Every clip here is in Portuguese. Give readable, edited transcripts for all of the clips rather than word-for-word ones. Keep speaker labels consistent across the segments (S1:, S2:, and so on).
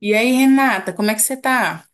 S1: E aí, Renata, como é que você tá?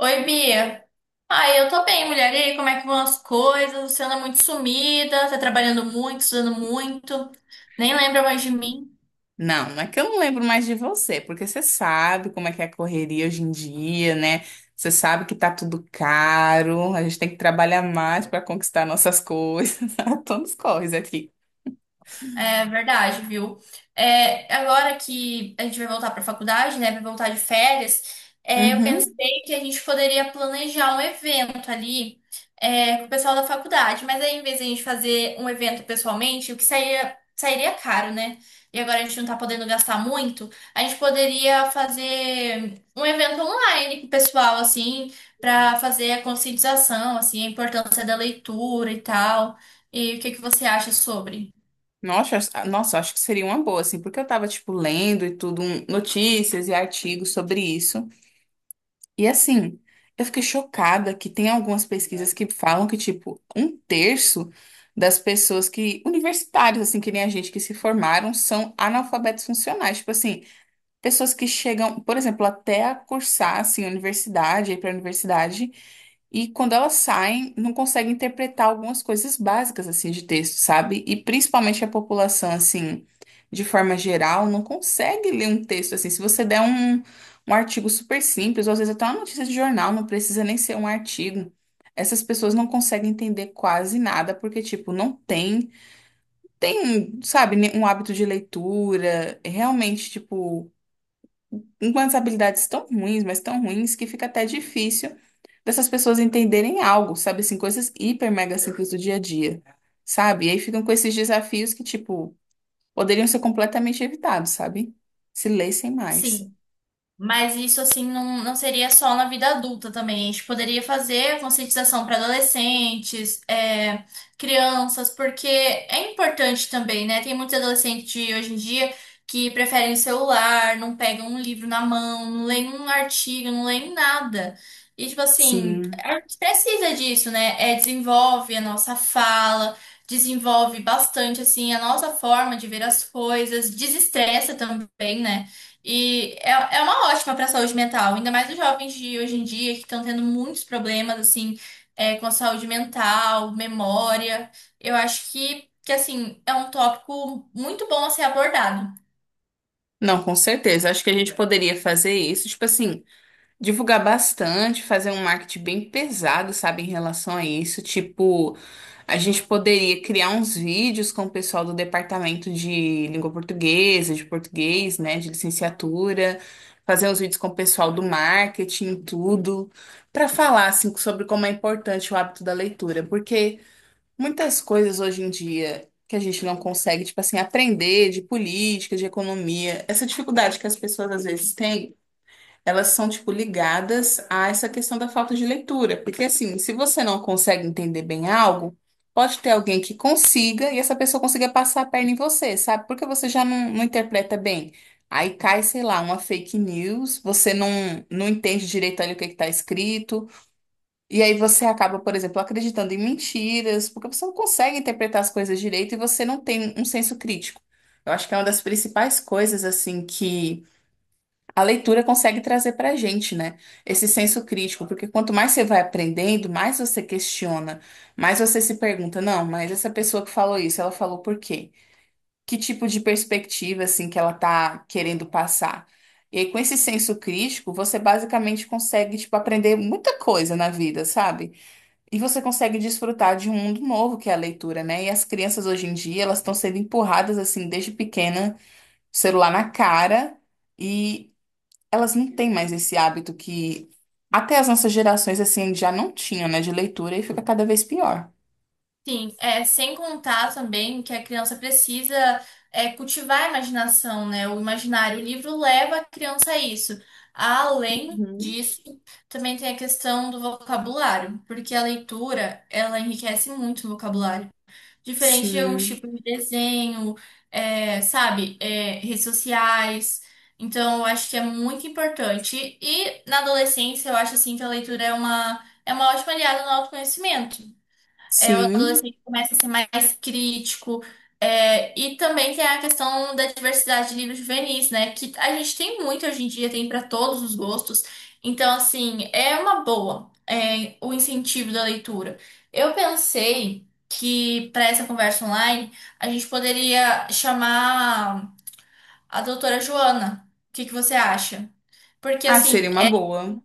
S2: Oi, Bia. Ai, eu tô bem, mulher. E aí, como é que vão as coisas? Você anda muito sumida, tá trabalhando muito, estudando muito, nem lembra mais de mim.
S1: Não, é que eu não lembro mais de você, porque você sabe como é que é a correria hoje em dia, né? Você sabe que tá tudo caro, a gente tem que trabalhar mais para conquistar nossas coisas. a Todos corres aqui.
S2: É verdade, viu? Agora que a gente vai voltar para a faculdade, né? Vai voltar de férias, eu
S1: Uhum.
S2: pensei que a gente poderia planejar um evento ali, com o pessoal da faculdade, mas aí, em vez de a gente fazer um evento pessoalmente, o que sairia caro, né? E agora a gente não tá podendo gastar muito, a gente poderia fazer um evento online com o pessoal, assim, para fazer a conscientização, assim, a importância da leitura e tal. E o que que você acha sobre?
S1: Nossa, acho que seria uma boa, assim, porque eu tava, tipo, lendo e tudo, notícias e artigos sobre isso. E assim, eu fiquei chocada que tem algumas pesquisas que falam que, tipo, um terço das pessoas que, universitários, assim, que nem a gente, que se formaram, são analfabetos funcionais. Tipo assim, pessoas que chegam, por exemplo, até a cursar, assim, universidade, ir pra universidade, e quando elas saem, não conseguem interpretar algumas coisas básicas assim de texto, sabe? E principalmente a população assim, de forma geral, não consegue ler um texto assim. Se você um artigo super simples, ou às vezes até uma notícia de jornal, não precisa nem ser um artigo. Essas pessoas não conseguem entender quase nada porque tipo, não tem, tem, sabe, um hábito de leitura, realmente tipo umas habilidades tão ruins, mas tão ruins, que fica até difícil dessas pessoas entenderem algo, sabe? Assim, coisas hiper mega simples do dia a dia, sabe? E aí ficam com esses desafios que, tipo, poderiam ser completamente evitados, sabe? Se lessem mais.
S2: Sim. Mas isso, assim, não seria só na vida adulta também. A gente poderia fazer conscientização para adolescentes, é, crianças, porque é importante também, né? Tem muitos adolescentes de hoje em dia que preferem o celular, não pegam um livro na mão, não leem um artigo, não leem nada. E, tipo assim,
S1: Sim.
S2: a gente precisa disso, né? É, desenvolve a nossa fala, desenvolve bastante, assim, a nossa forma de ver as coisas, desestressa também, né? E é, é uma ótima para a saúde mental, ainda mais os jovens de hoje em dia que estão tendo muitos problemas assim com a saúde mental, memória. Eu acho que assim é um tópico muito bom a ser abordado.
S1: Não, com certeza. Acho que a gente poderia fazer isso. Tipo assim. Divulgar bastante, fazer um marketing bem pesado, sabe, em relação a isso. Tipo, a gente poderia criar uns vídeos com o pessoal do departamento de língua portuguesa, de português, né, de licenciatura, fazer uns vídeos com o pessoal do marketing, tudo, para falar, assim, sobre como é importante o hábito da leitura. Porque muitas coisas hoje em dia que a gente não consegue, tipo assim, aprender de política, de economia, essa dificuldade que as pessoas às vezes têm elas são, tipo, ligadas a essa questão da falta de leitura. Porque, assim, se você não consegue entender bem algo, pode ter alguém que consiga e essa pessoa consiga passar a perna em você, sabe? Porque você já não, não interpreta bem. Aí cai, sei lá, uma fake news, você não, não entende direito ali o que está escrito, e aí você acaba, por exemplo, acreditando em mentiras, porque você não consegue interpretar as coisas direito e você não tem um senso crítico. Eu acho que é uma das principais coisas, assim, que a leitura consegue trazer para a gente, né, esse senso crítico, porque quanto mais você vai aprendendo, mais você questiona, mais você se pergunta, não, mas essa pessoa que falou isso, ela falou por quê? Que tipo de perspectiva, assim, que ela tá querendo passar? E aí, com esse senso crítico, você basicamente consegue, tipo, aprender muita coisa na vida, sabe? E você consegue desfrutar de um mundo novo que é a leitura, né? E as crianças hoje em dia, elas estão sendo empurradas, assim, desde pequena, celular na cara. E elas não têm mais esse hábito que até as nossas gerações assim já não tinham, né, de leitura e fica cada vez pior.
S2: Sim, é, sem contar também que a criança precisa cultivar a imaginação, né? O imaginário. O livro leva a criança a isso. Além
S1: Uhum.
S2: disso, também tem a questão do vocabulário, porque a leitura ela enriquece muito o vocabulário. Diferente de alguns
S1: Sim,
S2: tipos de desenho, é, sabe, é, redes sociais. Então, eu acho que é muito importante. E na adolescência, eu acho assim que a leitura é uma ótima aliada no autoconhecimento. É, o
S1: sim.
S2: adolescente começa a ser mais crítico. É, e também tem a questão da diversidade de livros juvenis, né? Que a gente tem muito hoje em dia, tem para todos os gostos. Então, assim, é uma boa, é, o incentivo da leitura. Eu pensei que para essa conversa online a gente poderia chamar a doutora Joana. O que que você acha? Porque,
S1: Ah,
S2: assim,
S1: seria uma boa.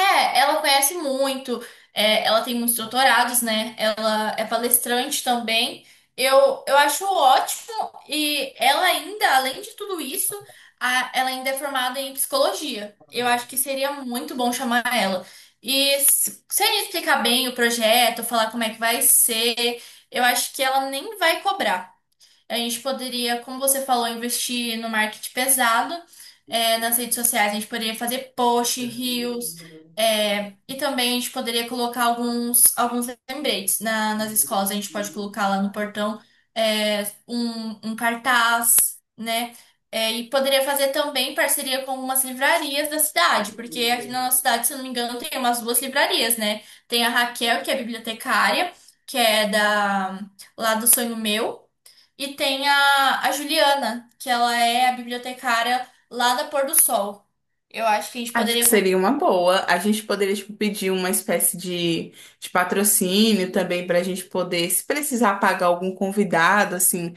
S2: é, ela conhece muito, é, ela tem muitos doutorados, né? Ela é palestrante também. Eu acho ótimo, e ela ainda, além de tudo isso, ela ainda é formada em psicologia. Eu acho que seria muito bom chamar ela. E se a gente explicar bem o projeto, falar como é que vai ser, eu acho que ela nem vai cobrar. A gente poderia, como você falou, investir no marketing pesado, é, nas redes sociais. A gente poderia fazer post, reels, é, e também a gente poderia colocar alguns lembretes nas escolas. A gente pode colocar lá no portão, é, um cartaz, né? É, e poderia fazer também parceria com algumas livrarias da cidade, porque aqui na nossa cidade, se eu não me engano, tem umas duas livrarias, né? Tem a Raquel, que é bibliotecária, que é da, lá do Sonho Meu. E tem a Juliana, que ela é a bibliotecária lá da Pôr do Sol. Eu acho que a gente
S1: Acho
S2: poderia
S1: que seria uma boa. A gente poderia, tipo, pedir uma espécie de patrocínio também para a gente poder, se precisar pagar algum convidado, assim,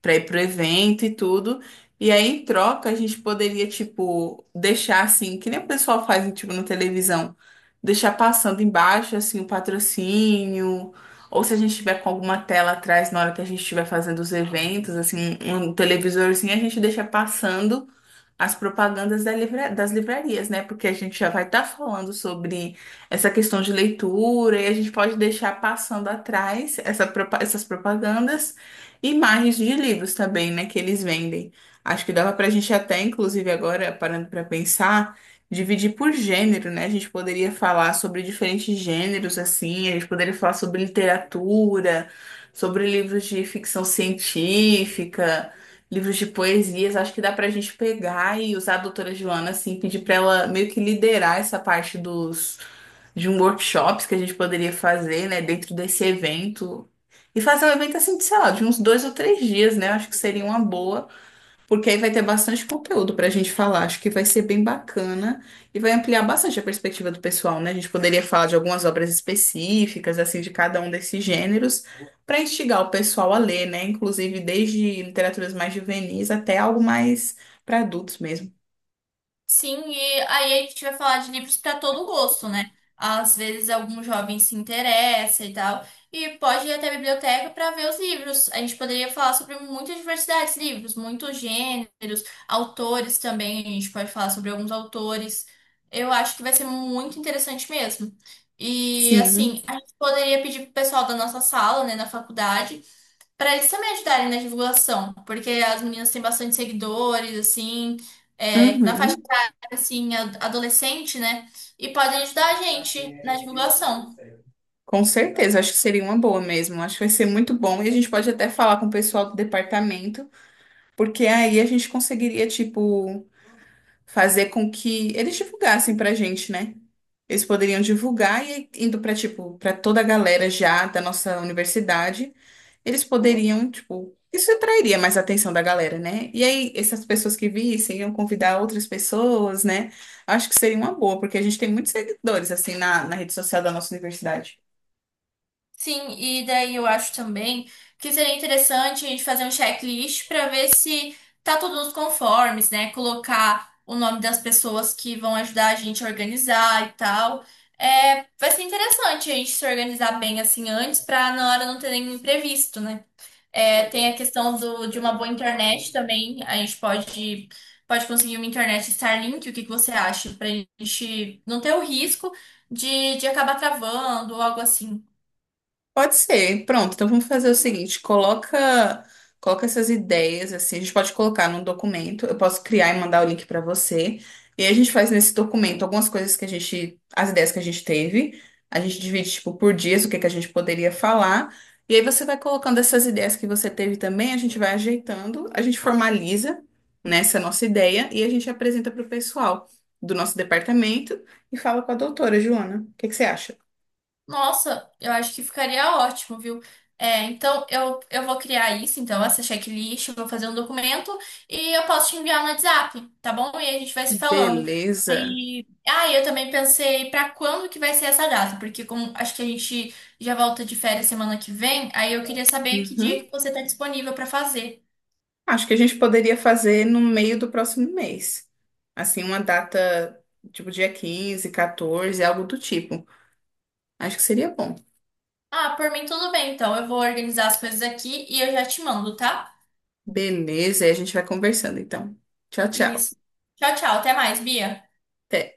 S1: para ir pro evento e tudo. E aí, em troca, a gente poderia, tipo, deixar assim, que nem o pessoal faz, tipo, na televisão, deixar passando embaixo, assim, o patrocínio, ou se a gente tiver com alguma tela atrás na hora que a gente estiver fazendo os eventos, assim, um televisorzinho, a gente deixa passando as propagandas das livrarias, né? Porque a gente já vai estar falando sobre essa questão de leitura e a gente pode deixar passando atrás essas propagandas e imagens de livros também, né? Que eles vendem. Acho que dava para a gente até, inclusive agora, parando para pensar, dividir por gênero, né? A gente poderia falar sobre diferentes gêneros, assim, a gente poderia falar sobre literatura, sobre livros de ficção científica livros de poesias. Acho que dá pra gente pegar e usar a doutora Joana, assim, pedir pra ela meio que liderar essa parte dos de um workshops que a gente poderia fazer, né, dentro desse evento. E fazer um evento assim, de, sei lá, de uns dois ou três dias, né? Acho que seria uma boa. Porque aí vai ter bastante conteúdo para a gente falar. Acho que vai ser bem bacana e vai ampliar bastante a perspectiva do pessoal, né? A gente poderia falar de algumas obras específicas, assim, de cada um desses gêneros, para instigar o pessoal a ler, né? Inclusive desde literaturas mais juvenis até algo mais para adultos mesmo.
S2: sim, e aí a gente vai falar de livros para todo gosto, né? Às vezes algum jovem se interessa e tal, e pode ir até a biblioteca para ver os livros. A gente poderia falar sobre muita diversidade de livros, muitos gêneros, autores também, a gente pode falar sobre alguns autores. Eu acho que vai ser muito interessante mesmo. E
S1: Sim,
S2: assim, a gente poderia pedir pro pessoal da nossa sala, né, na faculdade, para eles também ajudarem na divulgação, porque as meninas têm bastante seguidores, assim, é, na faixa
S1: uhum.
S2: assim, adolescente, né? E podem ajudar a gente na divulgação.
S1: Com certeza, acho que seria uma boa mesmo. Acho que vai ser muito bom e a gente pode até falar com o pessoal do departamento, porque aí a gente conseguiria, tipo. Fazer com que eles divulgassem pra gente, né? Eles poderiam divulgar e indo pra tipo para toda a galera já da nossa universidade, eles poderiam, tipo, isso atrairia mais a atenção da galera, né? E aí essas pessoas que vissem iam convidar outras pessoas, né? Acho que seria uma boa, porque a gente tem muitos seguidores assim na rede social da nossa universidade.
S2: Sim, e daí eu acho também que seria interessante a gente fazer um checklist para ver se tá tudo nos conformes, né? Colocar o nome das pessoas que vão ajudar a gente a organizar e tal. É, vai ser interessante a gente se organizar bem assim antes para na hora não ter nenhum imprevisto, né? É, tem a questão do, de uma boa internet também. A gente pode, pode conseguir uma internet Starlink, o que que você acha? Pra gente não ter o risco de acabar travando ou algo assim.
S1: Pode ser. Pronto, então vamos fazer o seguinte, coloca essas ideias assim, a gente pode colocar num documento, eu posso criar e mandar o link para você. E aí a gente faz nesse documento algumas coisas que a gente, as ideias que a gente teve, a gente divide tipo por dias o que que a gente poderia falar. E aí você vai colocando essas ideias que você teve também, a gente vai ajeitando, a gente formaliza nessa nossa ideia e a gente apresenta para o pessoal do nosso departamento e fala com a doutora Joana. O que que você acha?
S2: Nossa, eu acho que ficaria ótimo, viu? É, então eu vou criar isso, então, essa checklist, eu vou fazer um documento e eu posso te enviar no WhatsApp, tá bom? E aí a gente vai se falando.
S1: Beleza.
S2: E ah, eu também pensei pra quando que vai ser essa data, porque como acho que a gente já volta de férias semana que vem, aí eu queria saber que dia
S1: Uhum.
S2: que você tá disponível pra fazer.
S1: Acho que a gente poderia fazer no meio do próximo mês. Assim, uma data tipo dia 15, 14, algo do tipo. Acho que seria bom.
S2: Ah, por mim tudo bem, então eu vou organizar as coisas aqui e eu já te mando, tá?
S1: Beleza, aí a gente vai conversando então. Tchau, tchau.
S2: Isso. Tchau, tchau, até mais, Bia.
S1: Até.